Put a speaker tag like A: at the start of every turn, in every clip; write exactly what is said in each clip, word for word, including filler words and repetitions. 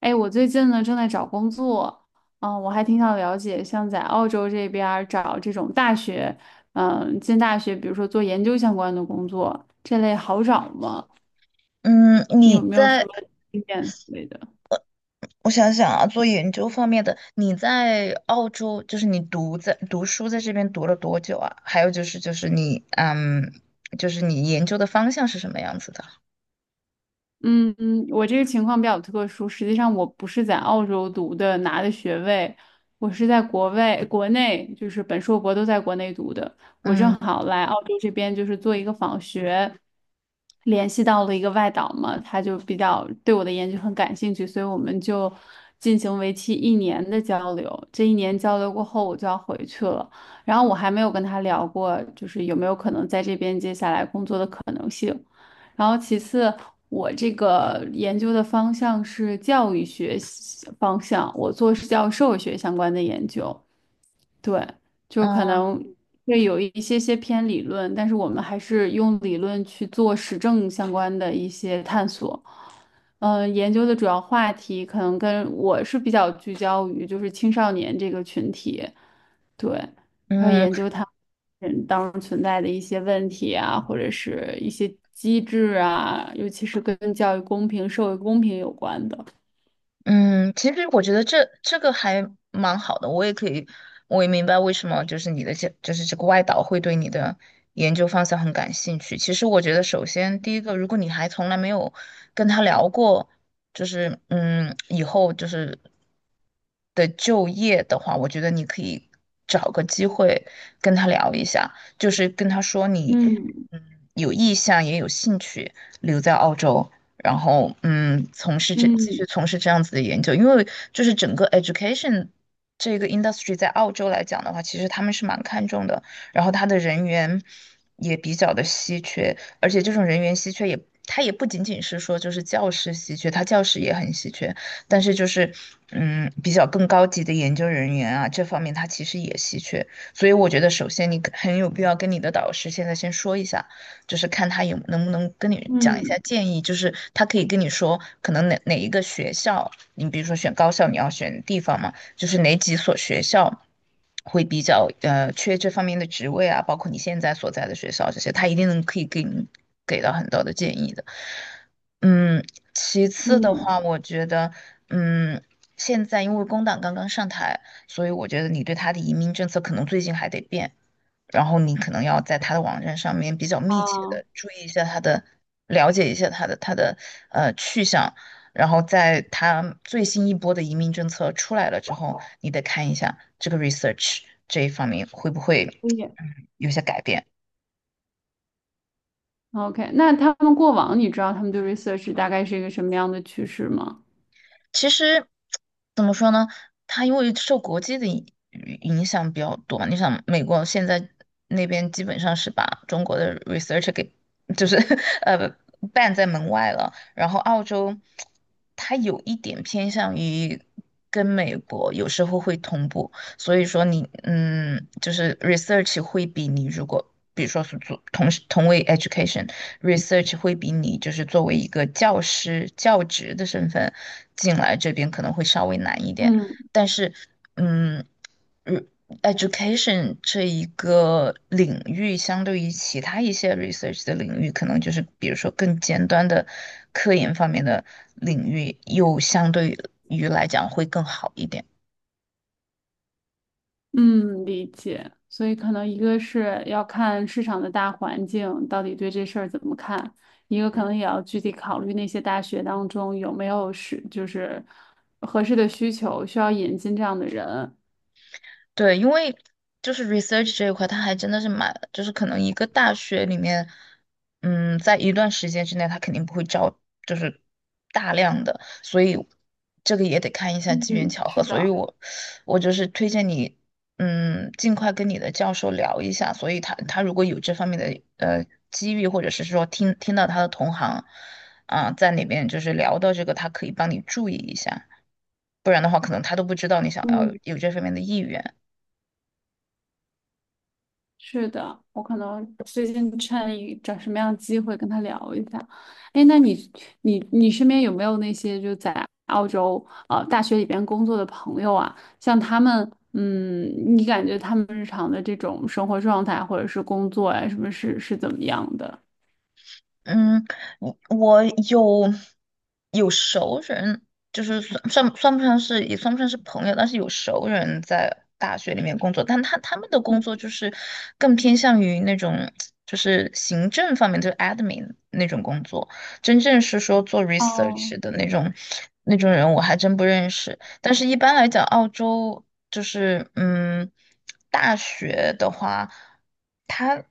A: 哎，我最近呢正在找工作，嗯，我还挺想了解，像在澳洲这边儿找这种大学，嗯，进大学，比如说做研究相关的工作，这类好找吗？
B: 嗯，
A: 你
B: 你
A: 有没有什
B: 在，
A: 么经验之类的？
B: 我想想啊，做研究方面的，你在澳洲，就是你读在读书在这边读了多久啊？还有就是，就是你，嗯，就是你研究的方向是什么样子的？
A: 嗯，我这个情况比较特殊。实际上，我不是在澳洲读的，拿的学位，我是在国外、国内，就是本硕博都在国内读的。我正
B: 嗯，
A: 好来澳洲这边，就是做一个访学，联系到了一个外导嘛，他就比较对我的研究很感兴趣，所以我们就进行为期一年的交流。这一年交流过后，我就要回去了。然后我还没有跟他聊过，就是有没有可能在这边接下来工作的可能性。然后其次，我这个研究的方向是教育学方向，我做是教授学相关的研究。对，就可
B: 哦，
A: 能会有一些些偏理论，但是我们还是用理论去做实证相关的一些探索。嗯、呃研究的主要话题可能跟我是比较聚焦于就是青少年这个群体，对，还有
B: 嗯
A: 研究他人当中存在的一些问题啊，或者是一些机制啊，尤其是跟教育公平、社会公平有关的。
B: 嗯，其实我觉得这这个还蛮好的，我也可以，我也明白为什么就是你的这就是这个外导会对你的研究方向很感兴趣。其实我觉得，首先第一个，如果你还从来没有跟他聊过，就是嗯，以后就是的就业的话，我觉得你可以找个机会跟他聊一下，就是跟他说你
A: 嗯
B: 嗯有意向也有兴趣留在澳洲。然后嗯，从事这继续
A: 嗯
B: 从事这样子的研究，因为就是整个 education 这个 industry 在澳洲来讲的话，其实他们是蛮看重的，然后他的人员也比较的稀缺，而且这种人员稀缺也。它也不仅仅是说就是教师稀缺，它教师也很稀缺，但是就是嗯比较更高级的研究人员啊这方面它其实也稀缺，所以我觉得首先你很有必要跟你的导师现在先说一下，就是看他有能不能跟你讲一
A: 嗯
B: 下建议，就是他可以跟你说，可能哪哪一个学校，你比如说选高校，你要选地方嘛，就是哪几所学校会比较呃缺这方面的职位啊，包括你现在所在的学校这些，他一定能可以给你给到很多的建议的。嗯，其次的
A: 嗯，
B: 话，我觉得，嗯，现在因为工党刚刚上台，所以我觉得你对他的移民政策可能最近还得变。然后你可能要在他的网站上面比较密切
A: 啊，
B: 的注意一下他的，了解一下他的他的呃去向，然后在他最新一波的移民政策出来了之后，你得看一下这个 research 这一方面会不会
A: 可以。
B: 嗯有些改变。
A: OK，那他们过往你知道他们对 research 大概是一个什么样的趋势吗？
B: 其实怎么说呢？它因为受国际的影影响比较多嘛你想美国现在那边基本上是把中国的 research 给就是 呃 ban 在门外了，然后澳洲它有一点偏向于跟美国有时候会同步，所以说你嗯就是 research 会比你如果比如说是做同时同为 education research 会比你就是作为一个教师教职的身份进来这边可能会稍微难一点，
A: 嗯
B: 但是嗯。嗯 education 这一个领域，相对于其他一些 research 的领域，可能就是比如说更尖端的科研方面的领域，又相对于来讲会更好一点。
A: 嗯，理解。所以可能一个是要看市场的大环境到底对这事儿怎么看，一个可能也要具体考虑那些大学当中有没有是就是合适的需求需要引进这样的人。
B: 对，因为就是 research 这一块，它还真的是蛮，就是可能一个大学里面，嗯，在一段时间之内，他肯定不会招，就是大量的，所以这个也得看一下机缘
A: 嗯，
B: 巧合。
A: 是
B: 所以
A: 的。
B: 我我就是推荐你，嗯，尽快跟你的教授聊一下。所以他他如果有这方面的呃机遇，或者是说听听到他的同行啊、在里面就是聊到这个，他可以帮你注意一下，不然的话，可能他都不知道你想要
A: 嗯。
B: 有这方面的意愿。
A: 是的，我可能最近趁一找什么样的机会跟他聊一下。哎，那你你你身边有没有那些就在澳洲呃大学里边工作的朋友啊？像他们，嗯，你感觉他们日常的这种生活状态或者是工作呀、什么是是怎么样的？
B: 嗯，我我有有熟人，就是算算算不上是也算不上是朋友，但是有熟人在大学里面工作，但他他们的工作就是更偏向于那种就是行政方面，就是 admin 那种工作，真正是说做
A: 哦，
B: research 的那种那种人，我还真不认识。但是一般来讲，澳洲就是嗯，大学的话。他。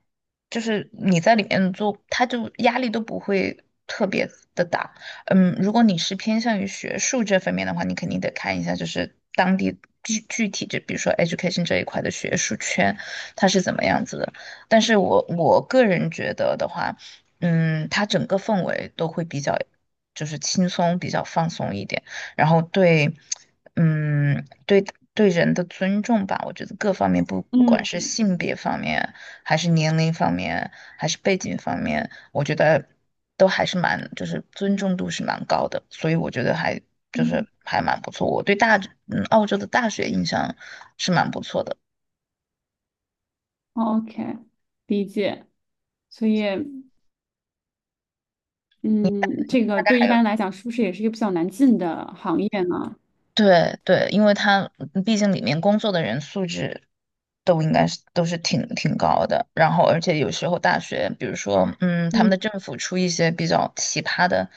B: 就是你在里面做，他就压力都不会特别的大。嗯，如果你是偏向于学术这方面的话，你肯定得看一下，就是当地具具体就比如说 education 这一块的学术圈，它是怎么样子的。但是我我个人觉得的话，嗯，它整个氛围都会比较，就是轻松，比较放松一点，然后对，嗯，对对人的尊重吧，我觉得各方面不管是
A: 嗯
B: 性别方面。还是年龄方面，还是背景方面，我觉得都还是蛮，就是尊重度是蛮高的，所以我觉得还就是
A: 嗯
B: 还蛮不错。我对大，嗯，澳洲的大学印象是蛮不错的。
A: ，OK，理解。所以，
B: 你
A: 嗯，这个
B: 大概
A: 对一
B: 还有。
A: 般来讲，是不是也是一个比较难进的行业呢？
B: 对对，因为他嗯毕竟里面工作的人素质都应该是都是挺挺高的，然后而且有时候大学，比如说嗯，他们的
A: 嗯，
B: 政府出一些比较奇葩的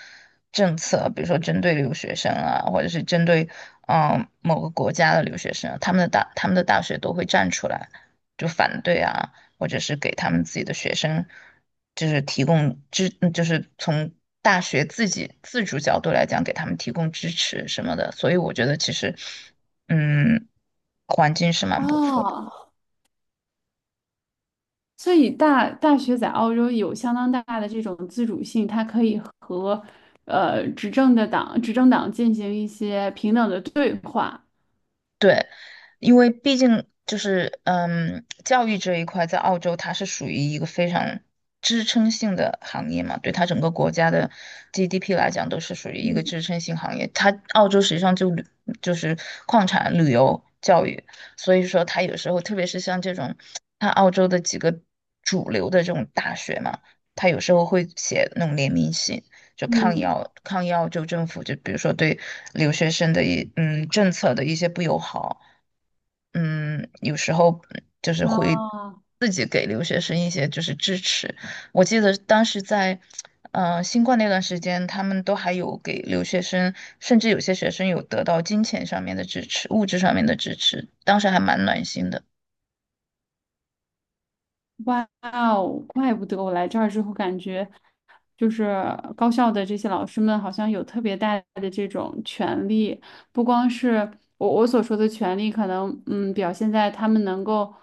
B: 政策，比如说针对留学生啊，或者是针对嗯、某个国家的留学生，他们的大他们的大学都会站出来就反对啊，或者是给他们自己的学生，就是提供支，嗯就是从大学自己自主角度来讲，给他们提供支持什么的。所以我觉得其实，嗯，环境是蛮不错的。
A: 哦。所以大大学在澳洲有相当大的这种自主性，它可以和呃执政的党执政党进行一些平等的对话。
B: 对，因为毕竟就是嗯，教育这一块在澳洲它是属于一个非常支撑性的行业嘛，对它整个国家的 G D P 来讲都是属于一个
A: 嗯
B: 支撑性行业。它澳洲实际上就旅就是矿产、旅游、教育，所以说它有时候特别是像这种，它澳洲的几个主流的这种大学嘛，它有时候会写那种联名信。就抗议
A: 嗯，
B: 抗议澳政府，就比如说对留学生的一嗯政策的一些不友好，嗯，有时候就是
A: 啊。
B: 会自己给留学生一些就是支持。我记得当时在嗯新冠那段时间，他们都还有给留学生，甚至有些学生有得到金钱上面的支持、物质上面的支持，当时还蛮暖心的。
A: 哇哦，怪不得我来这儿之后感觉，就是高校的这些老师们好像有特别大的这种权利，不光是我我所说的权利，可能嗯表现在他们能够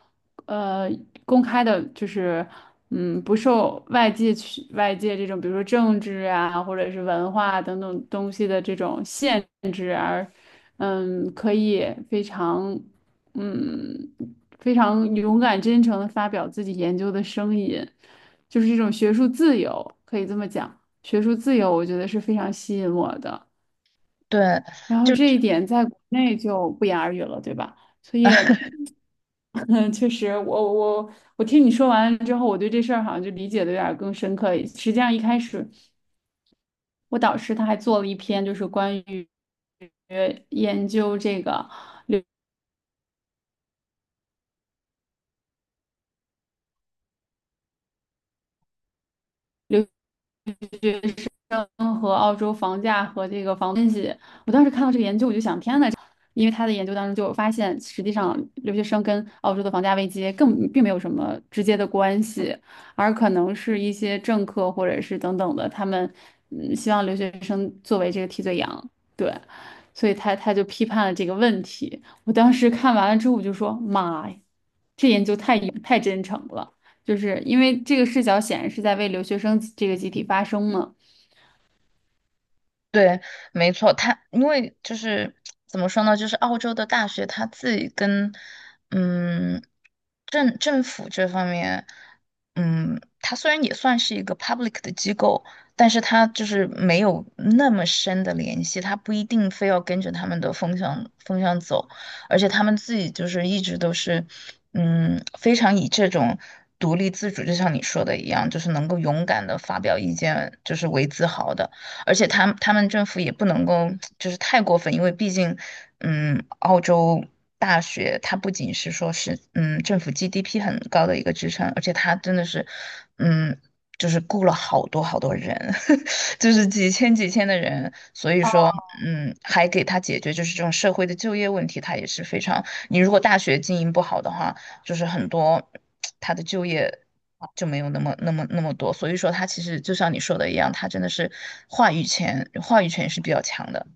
A: 呃公开的，就是嗯不受外界去外界这种，比如说政治啊或者是文化等等东西的这种限嗯，可以非常，嗯，非常勇敢、真诚的发表自己研究的声音，就是这种学术自由，可以这么讲。学术自由，我觉得是非常吸引我的。
B: 对，
A: 然后
B: 就。
A: 这一点在国内就不言而喻了，对吧？所以，嗯，确实，我我我听你说完之后，我对这事儿好像就理解的有点儿更深刻。实际上，一开始我导师他还做了一篇，就是关于研究这个。学生和澳洲房价和这个房东西。我当时看到这个研究，我就想，天呐，因为他的研究当中就有发现，实际上留学生跟澳洲的房价危机更并没有什么直接的关系，而可能是一些政客或者是等等的，他们嗯希望留学生作为这个替罪羊，对。所以他他就批判了这个问题。我当时看完了之后，我就说：“妈呀，这研究太太真诚了！”就是因为这个视角显然是在为留学生这个集体发声嘛。
B: 对，没错，他因为就是怎么说呢，就是澳洲的大学他自己跟嗯政政府这方面，嗯，它虽然也算是一个 public 的机构，但是它就是没有那么深的联系，它不一定非要跟着他们的风向风向走，而且他们自己就是一直都是嗯非常以这种。独立自主，就像你说的一样，就是能够勇敢的发表意见，就是为自豪的。而且他他们政府也不能够就是太过分，因为毕竟，嗯，澳洲大学它不仅是说是嗯政府 G D P 很高的一个支撑，而且它真的是，嗯，就是雇了好多好多人，就是几千几千的人，所以说，嗯，还给他解决就是这种社会的就业问题，它也是非常，你如果大学经营不好的话。就是很多他的就业就没有那么那么那么多，所以说他其实就像你说的一样，他真的是话语权话语权是比较强的。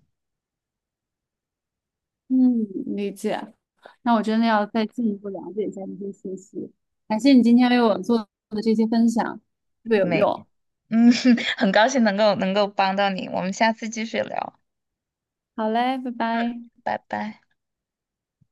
A: 嗯，理解。那我真的要再进一步了解一下这些信息。感谢你今天为我做的这些分享，特别有
B: 没，
A: 用。
B: 嗯，很高兴能够能够帮到你，我们下次继续聊，
A: 好嘞，拜拜。
B: 拜拜。